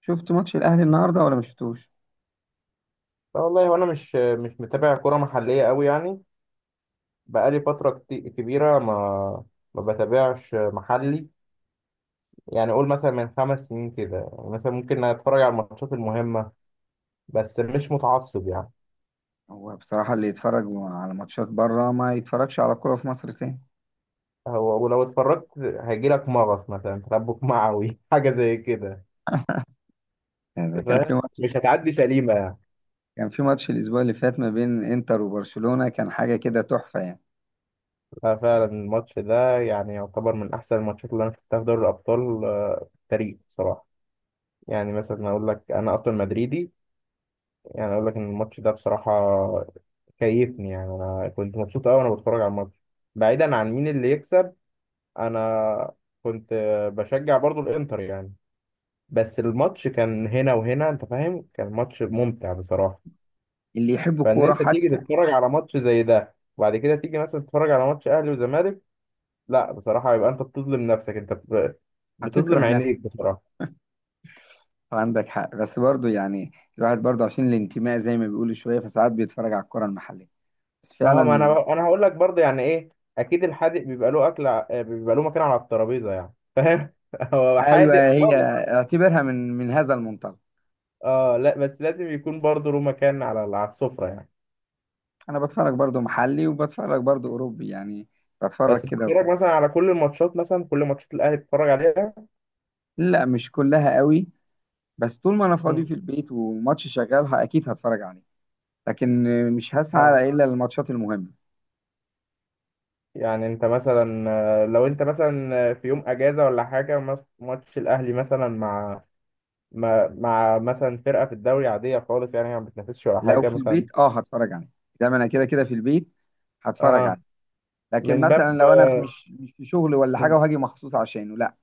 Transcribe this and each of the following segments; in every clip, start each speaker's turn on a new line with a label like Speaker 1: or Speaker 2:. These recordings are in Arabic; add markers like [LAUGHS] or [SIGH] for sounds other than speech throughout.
Speaker 1: شفت ماتش الاهلي النهارده ولا ما شفتوش؟
Speaker 2: لا، والله وانا مش متابع كرة محلية قوي يعني. بقالي فترة كبيرة ما بتابعش محلي. يعني قول مثلا من 5 سنين كده، يعني مثلا ممكن اتفرج على الماتشات المهمة، بس مش متعصب يعني.
Speaker 1: هو بصراحه اللي يتفرج على ماتشات بره ما يتفرجش على كوره في مصر تاني.
Speaker 2: هو ولو اتفرجت هيجي لك مغص مثلا، تربك معوي [LAUGHS] حاجة زي كده.
Speaker 1: يعني ده كان في
Speaker 2: فاهم؟
Speaker 1: ماتش،
Speaker 2: مش هتعدي سليمة يعني.
Speaker 1: كان في ماتش الاسبوع اللي فات ما بين انتر وبرشلونه، كان حاجه كده تحفه يعني.
Speaker 2: لا فعلا الماتش ده يعني يعتبر من أحسن الماتشات اللي أنا شفتها في دوري الأبطال، في التاريخ بصراحة. يعني مثلا أقول لك أنا أصلا مدريدي، يعني اقول لك ان الماتش ده بصراحه كيفني. يعني انا كنت مبسوط قوي وانا بتفرج على الماتش، بعيدا عن مين اللي يكسب. انا كنت بشجع برضو الانتر يعني، بس الماتش كان هنا وهنا، انت فاهم؟ كان ماتش ممتع بصراحه.
Speaker 1: اللي يحب
Speaker 2: فان
Speaker 1: الكوره
Speaker 2: انت تيجي
Speaker 1: حتى
Speaker 2: تتفرج على ماتش زي ده وبعد كده تيجي مثلا تتفرج على ماتش اهلي وزمالك، لا بصراحه يبقى انت بتظلم نفسك، انت بتظلم
Speaker 1: هتكره نفسك.
Speaker 2: عينيك بصراحه.
Speaker 1: عندك حق بس برضه يعني، الواحد برضه عشان الانتماء زي ما بيقولوا شويه فساعات بيتفرج على الكوره المحليه، بس
Speaker 2: اه، ما
Speaker 1: فعلا.
Speaker 2: انا هقول لك برضه يعني ايه، اكيد الحادق بيبقى له اكل بيبقى له مكان على الترابيزه يعني، فاهم؟ [LAUGHS] هو
Speaker 1: ايوه
Speaker 2: حادق
Speaker 1: هي،
Speaker 2: اه
Speaker 1: اعتبرها من هذا المنطلق.
Speaker 2: لا بس لازم يكون برضه له مكان على السفره يعني.
Speaker 1: انا بتفرج برضه محلي وبتفرج برضه اوروبي يعني، بتفرج
Speaker 2: بس
Speaker 1: كده
Speaker 2: بتتفرج
Speaker 1: وكده.
Speaker 2: مثلا على كل الماتشات، مثلا كل ماتشات الاهلي بتتفرج عليها؟
Speaker 1: لا مش كلها قوي، بس طول ما انا فاضي
Speaker 2: مم.
Speaker 1: في البيت وماتش شغال اكيد هتفرج عليه. لكن مش
Speaker 2: اه،
Speaker 1: هسعى الا للماتشات المهمه.
Speaker 2: يعني انت مثلا لو انت مثلا في يوم اجازه ولا حاجه ماتش الاهلي مثلا مع مثلا فرقه في الدوري عاديه خالص، يعني ما بتنافسش ولا
Speaker 1: لو
Speaker 2: حاجه
Speaker 1: في البيت
Speaker 2: مثلا.
Speaker 1: اه هتفرج عليه، ده انا كده كده في البيت هتفرج
Speaker 2: اه،
Speaker 1: عليه. لكن
Speaker 2: من باب.
Speaker 1: مثلا لو انا في مش مش في شغل ولا حاجه وهاجي مخصوص عشانه لا.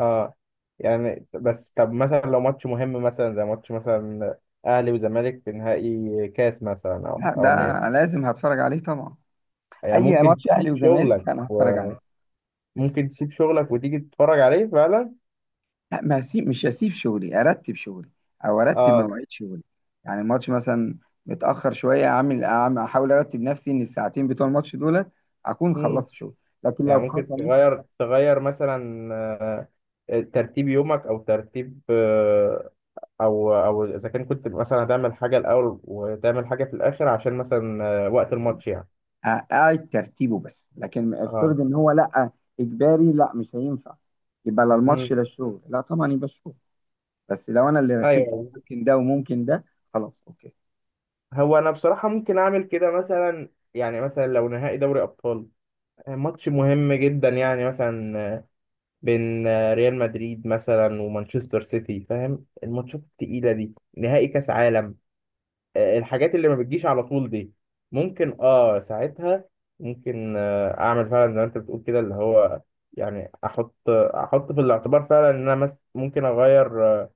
Speaker 2: اه، يعني بس طب مثلا لو ماتش مهم مثلا زي ماتش مثلا اهلي وزمالك في نهائي كاس مثلا، او
Speaker 1: لا
Speaker 2: او نهائي،
Speaker 1: ده لازم هتفرج عليه طبعا.
Speaker 2: يعني
Speaker 1: اي
Speaker 2: ممكن
Speaker 1: ماتش اهلي
Speaker 2: تسيب شغلك،
Speaker 1: وزمالك انا هتفرج عليه.
Speaker 2: وممكن تسيب شغلك وتيجي تتفرج عليه فعلا.
Speaker 1: لا ما هسيب مش هسيب شغلي، ارتب شغلي او ارتب
Speaker 2: اه.
Speaker 1: مواعيد شغلي. يعني الماتش مثلا متاخر شويه، احاول ارتب نفسي ان الساعتين بتوع الماتش دولت اكون
Speaker 2: مم.
Speaker 1: خلصت شغل. لكن
Speaker 2: يعني
Speaker 1: لو
Speaker 2: ممكن
Speaker 1: حصل
Speaker 2: تغير مثلا ترتيب يومك او ترتيب او اذا كان كنت مثلا هتعمل حاجه الاول وتعمل حاجه في الاخر عشان مثلا وقت الماتش يعني.
Speaker 1: اقعد ترتيبه، بس لكن
Speaker 2: اه.
Speaker 1: افترض ان هو لا، اجباري، لا مش هينفع. يبقى لا
Speaker 2: مم.
Speaker 1: الماتش لا الشغل، لا طبعا يبقى الشغل. بس لو انا اللي رتبت
Speaker 2: ايوه.
Speaker 1: ممكن ده وممكن ده. خلاص اوكي.
Speaker 2: هو انا بصراحه ممكن اعمل كده مثلا. يعني مثلا لو نهائي دوري ابطال، ماتش مهم جدا يعني مثلا، بين ريال مدريد مثلا ومانشستر سيتي، فاهم؟ الماتشات التقيله دي، نهائي كاس عالم، الحاجات اللي ما بتجيش على طول دي، ممكن ساعتها ممكن اعمل فعلا زي ما انت بتقول كده، اللي هو يعني احط في الاعتبار فعلا ان انا ممكن اغير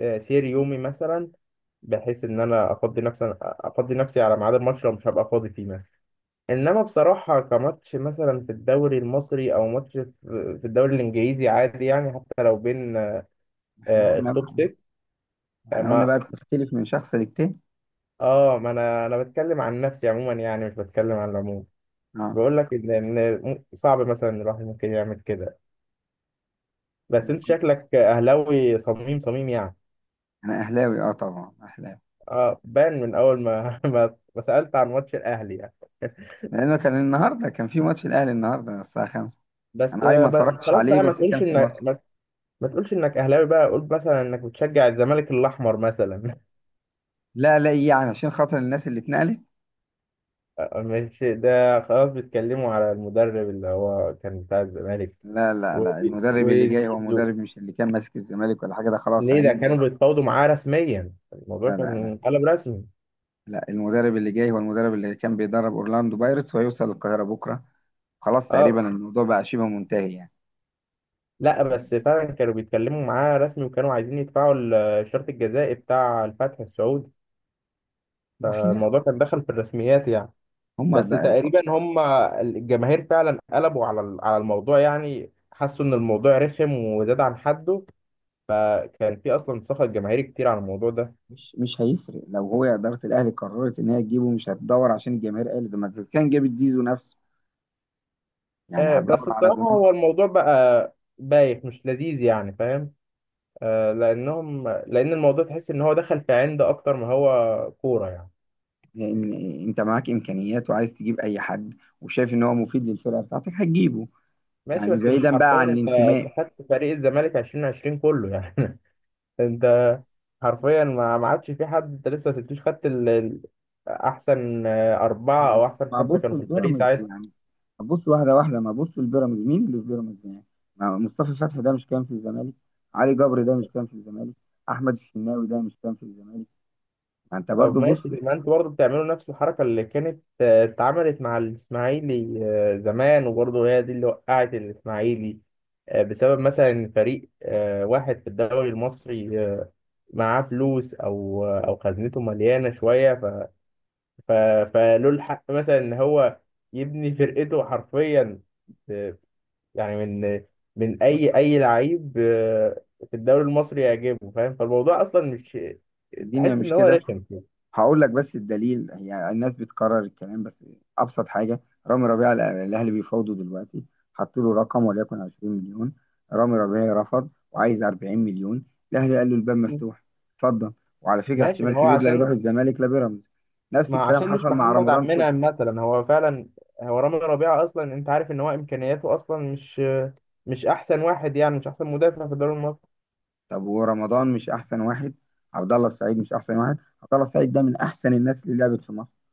Speaker 2: سير يومي مثلا، بحيث ان انا افضي نفسي على ميعاد الماتش، لو مش هبقى فاضي فيه مثلا. انما بصراحه كماتش مثلا في الدوري المصري او ماتش في في الدوري الانجليزي عادي يعني، حتى لو بين
Speaker 1: احنا قلنا
Speaker 2: التوب 6.
Speaker 1: احنا قلنا
Speaker 2: ما
Speaker 1: بقى بتختلف من شخص للتاني.
Speaker 2: اه ما انا بتكلم عن نفسي عموما يعني، مش بتكلم عن العموم.
Speaker 1: اه
Speaker 2: بقول لك ان صعب مثلا الواحد ممكن يعمل كده، بس
Speaker 1: بس
Speaker 2: انت شكلك اهلاوي صميم صميم يعني.
Speaker 1: انا اهلاوي، اه طبعا اهلاوي.
Speaker 2: اه، بان من اول ما [LAUGHS] ما سالت عن ماتش الاهلي يعني.
Speaker 1: لأنه كان في ماتش الأهلي النهاردة الساعة 5.
Speaker 2: بس
Speaker 1: أنا أي ما اتفرجتش
Speaker 2: خلاص
Speaker 1: عليه،
Speaker 2: بقى ما
Speaker 1: بس كان
Speaker 2: تقولش
Speaker 1: في
Speaker 2: انك
Speaker 1: ماتش.
Speaker 2: اهلاوي بقى، قول مثلا انك بتشجع الزمالك الاحمر مثلا.
Speaker 1: لا لا، إيه يعني؟ عشان خاطر الناس اللي اتنقلت.
Speaker 2: مش ده خلاص بيتكلموا على المدرب اللي هو كان بتاع الزمالك
Speaker 1: لا لا
Speaker 2: و-
Speaker 1: لا، المدرب اللي جاي هو
Speaker 2: وزيزو،
Speaker 1: مدرب، مش اللي كان ماسك الزمالك ولا حاجة، ده خلاص
Speaker 2: ليه ده
Speaker 1: هيمضي.
Speaker 2: كانوا بيتفاوضوا معاه رسميا،
Speaker 1: لا
Speaker 2: الموضوع
Speaker 1: لا لا
Speaker 2: كان قلب رسمي.
Speaker 1: لا، المدرب اللي جاي هو المدرب اللي كان بيدرب أورلاندو بايرتس، وهيوصل القاهرة بكرة. خلاص تقريبا
Speaker 2: اه،
Speaker 1: الموضوع بقى شبه منتهي يعني.
Speaker 2: لا بس فعلا كانوا بيتكلموا معاه رسمي، وكانوا عايزين يدفعوا الشرط الجزائي بتاع الفتح السعودي،
Speaker 1: وفي ناس،
Speaker 2: الموضوع كان دخل في الرسميات يعني.
Speaker 1: هم
Speaker 2: بس
Speaker 1: ده
Speaker 2: تقريبا هم الجماهير فعلا قلبوا على على الموضوع، يعني حسوا ان الموضوع رخم وزاد عن حده، فكان في اصلا سخط جماهيري كتير على الموضوع ده.
Speaker 1: مش هيفرق. لو هو إدارة الأهلي قررت إن هي تجيبه مش هتدور عشان الجماهير قالت، ده ما كان جابت زيزو نفسه. يعني
Speaker 2: بس
Speaker 1: هتدور على
Speaker 2: بصراحة
Speaker 1: جمهور؟
Speaker 2: هو الموضوع بقى بايخ مش لذيذ يعني، فاهم؟ لأن الموضوع تحس إن هو دخل في عند أكتر ما هو كورة يعني.
Speaker 1: إن انت معاك امكانيات وعايز تجيب اي حد وشايف ان هو مفيد للفرقه بتاعتك هتجيبه،
Speaker 2: ماشي،
Speaker 1: يعني
Speaker 2: بس مش
Speaker 1: بعيدا بقى
Speaker 2: حرفيا.
Speaker 1: عن
Speaker 2: أنت
Speaker 1: الانتماء.
Speaker 2: خدت فريق الزمالك 2020 كله يعني. [LAUGHS] أنت حرفيا ما عادش في حد، أنت لسه ما سبتوش، خدت أحسن أربعة
Speaker 1: طيب
Speaker 2: أو أحسن
Speaker 1: ما
Speaker 2: خمسة
Speaker 1: ابص
Speaker 2: كانوا في الفريق.
Speaker 1: لبيراميدز يعني، ابص واحده واحده، ما ابص لبيراميدز، مين اللي في بيراميدز يعني؟ ما مصطفى فتحي ده مش كان في الزمالك؟ علي جبر ده مش كان في الزمالك؟ احمد الشناوي ده مش كان في الزمالك؟ ما انت
Speaker 2: طب
Speaker 1: برضو
Speaker 2: ماشي،
Speaker 1: بص،
Speaker 2: ما انتوا برضه بتعملوا نفس الحركة اللي كانت اتعملت مع الإسماعيلي زمان، وبرضه هي دي اللي وقعت الإسماعيلي، بسبب مثلا إن فريق واحد في الدوري المصري معاه فلوس أو أو خزنته مليانة شوية، ف... فله الحق مثلا إن هو يبني فرقته حرفيا، آه، يعني من
Speaker 1: بص،
Speaker 2: أي لعيب في الدوري المصري يعجبه، فاهم؟ فالموضوع أصلا مش
Speaker 1: الدنيا
Speaker 2: تحس
Speaker 1: مش
Speaker 2: إن هو
Speaker 1: كده.
Speaker 2: رخم
Speaker 1: هقول لك بس الدليل، يعني الناس بتكرر الكلام بس. ابسط حاجه، رامي ربيعه الاهلي بيفاوضه دلوقتي، حط له رقم وليكن 20 مليون، رامي ربيعه رفض وعايز 40 مليون، الاهلي قال له الباب
Speaker 2: كده.
Speaker 1: مفتوح، اتفضل. وعلى فكره
Speaker 2: ماشي،
Speaker 1: احتمال
Speaker 2: ما هو
Speaker 1: كبير لا يروح
Speaker 2: عشان
Speaker 1: الزمالك لا بيراميدز. نفس الكلام
Speaker 2: مش
Speaker 1: حصل مع
Speaker 2: محمد عبد
Speaker 1: رمضان
Speaker 2: المنعم
Speaker 1: صبحي.
Speaker 2: مثلا، هو رامي ربيعة اصلا، انت عارف ان هو امكانياته اصلا مش احسن واحد يعني، مش احسن مدافع في الدوري المصري.
Speaker 1: طب ورمضان مش احسن واحد؟ عبد الله السعيد مش احسن واحد؟ عبد الله السعيد ده من احسن الناس اللي لعبت في مصر.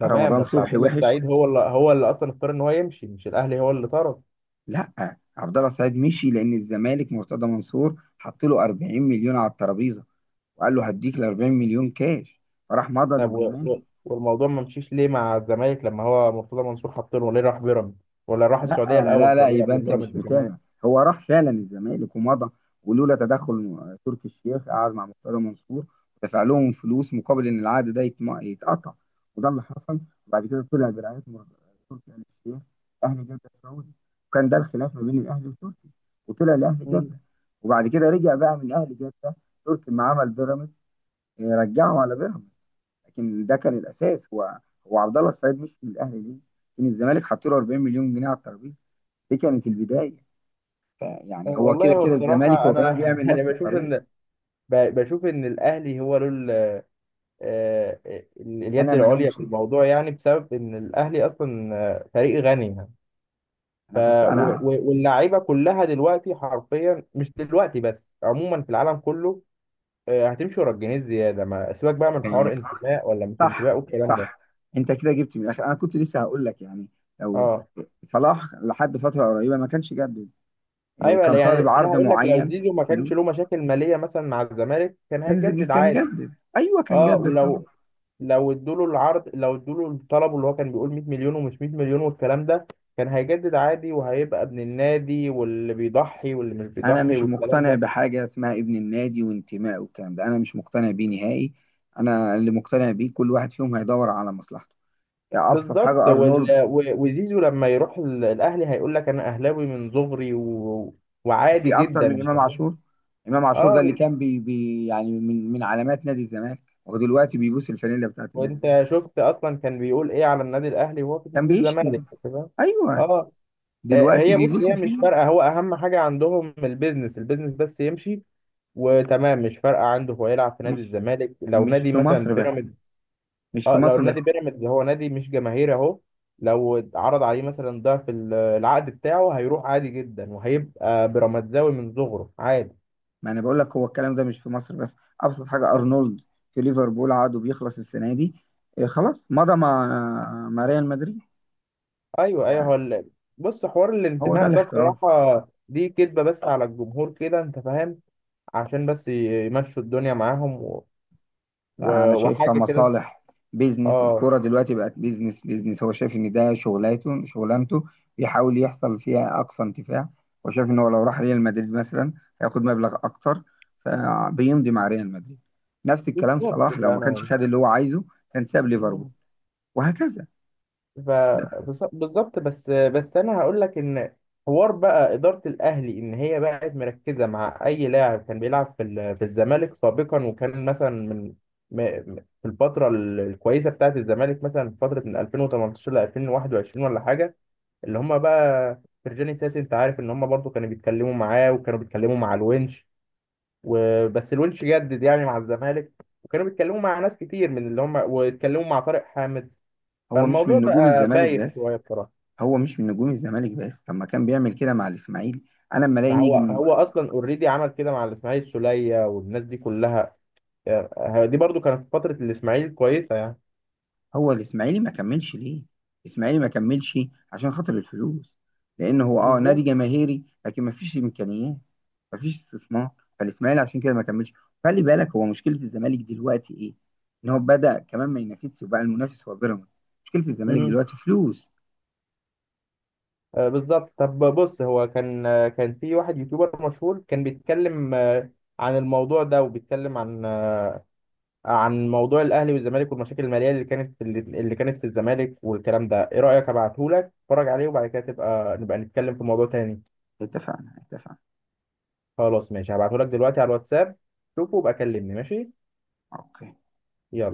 Speaker 2: تمام،
Speaker 1: رمضان
Speaker 2: بس عبد
Speaker 1: صبحي
Speaker 2: الله
Speaker 1: وحش.
Speaker 2: السعيد هو اللي اصلا اختار ان هو يمشي، مش الاهلي هو اللي طرد.
Speaker 1: لا عبد الله السعيد مشي لان الزمالك مرتضى منصور حط له 40 مليون على الترابيزه، وقال له هديك ال 40 مليون كاش، فراح مضى
Speaker 2: طب
Speaker 1: للزمالك.
Speaker 2: والموضوع ما مشيش ليه مع الزمالك، لما هو مرتضى منصور حط له؟ ليه راح بيراميدز، ولا راح
Speaker 1: لا
Speaker 2: السعوديه
Speaker 1: لا
Speaker 2: الاول
Speaker 1: لا،
Speaker 2: تقريبا
Speaker 1: يبقى
Speaker 2: قبل
Speaker 1: انت مش
Speaker 2: بيراميدز كمان؟
Speaker 1: متابع. هو راح فعلا الزمالك ومضى، ولولا تدخل تركي الشيخ، قعد مع مختار منصور ودفع لهم فلوس مقابل ان العقد ده يتقطع، وده اللي حصل. وبعد كده طلع برعايه تركي آل الشيخ، اهلي جده السعودي، وكان ده الخلاف ما بين الاهلي وتركي، وطلع لاهلي
Speaker 2: مم.
Speaker 1: جده. وبعد كده رجع بقى من اهلي جده، تركي ما عمل بيراميدز، رجعه على بيراميدز. لكن ده كان الاساس، هو هو عبد الله السعيد مش من الاهلي ليه؟ لان الزمالك حط له 40 مليون جنيه على الترابيزه، دي كانت البدايه. يعني هو
Speaker 2: والله
Speaker 1: كده
Speaker 2: هو
Speaker 1: كده الزمالك
Speaker 2: بصراحه
Speaker 1: هو
Speaker 2: انا
Speaker 1: كمان
Speaker 2: [LAUGHS]
Speaker 1: بيعمل
Speaker 2: يعني
Speaker 1: نفس
Speaker 2: بشوف
Speaker 1: الطريقه.
Speaker 2: ان الاهلي هو له
Speaker 1: انا
Speaker 2: اليد العليا
Speaker 1: ملومش،
Speaker 2: في الموضوع، يعني بسبب ان الاهلي اصلا فريق غني يعني. ف
Speaker 1: انا بص انا،
Speaker 2: واللعيبه كلها دلوقتي حرفيا، مش دلوقتي بس عموما في العالم كله، هتمشي ورا الجنيه الزياده، ما سيبك بقى من حوار
Speaker 1: بس
Speaker 2: انتماء ولا مش
Speaker 1: صح
Speaker 2: انتماء والكلام ده.
Speaker 1: صح، انت كده جبت من الاخر، انا كنت لسه هقول لك يعني. لو
Speaker 2: اه.
Speaker 1: صلاح لحد فتره قريبه ما كانش جدد، إيه،
Speaker 2: ايوه، لا،
Speaker 1: كان
Speaker 2: يعني
Speaker 1: طالب
Speaker 2: انا
Speaker 1: عرض
Speaker 2: هقول لك لو
Speaker 1: معين،
Speaker 2: زيزو ما كانش
Speaker 1: فلوس،
Speaker 2: له مشاكل ماليه مثلا مع الزمالك، كان هيجدد
Speaker 1: كان
Speaker 2: عادي.
Speaker 1: جدد، ايوه كان
Speaker 2: اه.
Speaker 1: جدد طبعا.
Speaker 2: ولو لو ادوا له العرض، لو ادوا له الطلب اللي هو كان بيقول 100 مليون، ومش 100 مليون والكلام ده، كان هيجدد عادي، وهيبقى ابن النادي واللي بيضحي واللي مش
Speaker 1: انا
Speaker 2: بيضحي
Speaker 1: مش
Speaker 2: والكلام
Speaker 1: مقتنع
Speaker 2: ده.
Speaker 1: بحاجه اسمها ابن النادي وانتماء والكلام ده، انا مش مقتنع بيه نهائي. انا اللي مقتنع بيه كل واحد فيهم هيدور على مصلحته. يعني ابسط
Speaker 2: بالظبط،
Speaker 1: حاجه ارنولد.
Speaker 2: وزيزو لما يروح الاهلي هيقول لك انا اهلاوي من صغري و... وعادي
Speaker 1: في اكتر
Speaker 2: جدا،
Speaker 1: من
Speaker 2: مش
Speaker 1: امام
Speaker 2: فاهم؟
Speaker 1: عاشور، امام عاشور
Speaker 2: اه
Speaker 1: ده اللي كان بي بي يعني من علامات نادي الزمالك ودلوقتي بيبوس الفانيلا بتاعت النادي ده.
Speaker 2: وانت شفت اصلا كان بيقول ايه على النادي الاهلي وهو في
Speaker 1: كان
Speaker 2: نادي
Speaker 1: بيشتم،
Speaker 2: الزمالك، تمام؟
Speaker 1: ايوه،
Speaker 2: اه،
Speaker 1: دلوقتي
Speaker 2: هي بص،
Speaker 1: بيبوس
Speaker 2: هي مش
Speaker 1: الفانيلا.
Speaker 2: فارقه، هو اهم حاجه عندهم البيزنس، البيزنس بس يمشي وتمام، مش فارقه عنده هو يلعب في نادي
Speaker 1: مش
Speaker 2: الزمالك لو
Speaker 1: مش
Speaker 2: نادي
Speaker 1: في
Speaker 2: مثلا
Speaker 1: مصر بس،
Speaker 2: بيراميدز.
Speaker 1: مش في
Speaker 2: اه، لو
Speaker 1: مصر بس.
Speaker 2: نادي بيراميدز هو نادي مش جماهيري اهو، لو عرض عليه مثلا ضعف العقد بتاعه، هيروح عادي جدا وهيبقى بيراميدزاوي من صغره عادي.
Speaker 1: ما انا بقول لك هو الكلام ده مش في مصر بس، ابسط حاجه ارنولد في ليفربول عقده بيخلص السنه دي، إيه، خلاص مضى مع ريال مدريد.
Speaker 2: ايوه، ايوه. بص، حوار
Speaker 1: هو ده
Speaker 2: الانتماء ده
Speaker 1: الاحتراف.
Speaker 2: بصراحه دي كدبه بس على الجمهور كده، انت فاهم؟ عشان بس يمشوا الدنيا معاهم و...
Speaker 1: لا انا شايفها
Speaker 2: وحاجه كده.
Speaker 1: مصالح، بيزنس،
Speaker 2: اه،
Speaker 1: الكرة دلوقتي بقت بيزنس بيزنس، هو شايف ان ده شغلانته، بيحاول يحصل فيها اقصى انتفاع، وشايف ان هو لو راح ريال مدريد مثلا هياخد مبلغ اكتر فبيمضي مع ريال مدريد. نفس الكلام
Speaker 2: بالظبط
Speaker 1: صلاح، لو ما كانش
Speaker 2: انا.
Speaker 1: خد اللي هو عايزه كان ساب ليفربول، وهكذا.
Speaker 2: ف
Speaker 1: ده
Speaker 2: بالظبط، بس انا هقول لك ان حوار بقى اداره الاهلي ان هي بقت مركزه مع اي لاعب كان بيلعب في في الزمالك سابقا، وكان مثلا من م- م- في الفتره الكويسه بتاعه الزمالك مثلا في فتره من 2018 ل 2021 ولا حاجه، اللي هم بقى فرجاني ساسي، انت عارف ان هم برضو كانوا بيتكلموا معاه، وكانوا بيتكلموا مع الونش، وبس الونش جدد يعني مع الزمالك، وكانوا بيتكلموا مع ناس كتير من اللي هم، واتكلموا مع طارق حامد.
Speaker 1: هو مش
Speaker 2: فالموضوع
Speaker 1: من نجوم
Speaker 2: بقى
Speaker 1: الزمالك
Speaker 2: بايت شويه
Speaker 1: بس،
Speaker 2: بصراحه.
Speaker 1: هو مش من نجوم الزمالك بس، طب ما كان بيعمل كده مع الاسماعيلي. انا لما الاقي
Speaker 2: ما هو
Speaker 1: نجم.
Speaker 2: هو اصلا اوريدي عمل كده مع الاسماعيلي السوليه والناس دي كلها، دي برضو كانت في فتره الاسماعيلي كويسه يعني.
Speaker 1: هو الاسماعيلي ما كملش ليه؟ الاسماعيلي ما كملش عشان خاطر الفلوس، لان هو نادي
Speaker 2: بالظبط.
Speaker 1: جماهيري لكن ما فيش امكانيات، ما فيش استثمار، فالاسماعيلي عشان كده ما كملش. خلي بالك هو مشكله الزمالك دلوقتي ايه؟ ان هو بدا كمان ما ينافسش وبقى المنافس هو بيراميدز، مشكله الزمالك
Speaker 2: امم
Speaker 1: دلوقتي فلوس.
Speaker 2: بالظبط. طب بص، هو كان كان في واحد يوتيوبر مشهور كان بيتكلم عن الموضوع ده، وبيتكلم عن عن موضوع الاهلي والزمالك والمشاكل الماليه اللي كانت في اللي كانت في الزمالك والكلام ده. ايه رايك ابعته لك اتفرج عليه، وبعد كده نبقى نتكلم في موضوع تاني.
Speaker 1: اتفقنا، اتفقنا،
Speaker 2: خلاص ماشي، هبعته لك دلوقتي على الواتساب، شوفه وبقى كلمني، ماشي؟
Speaker 1: اوكي.
Speaker 2: يلا.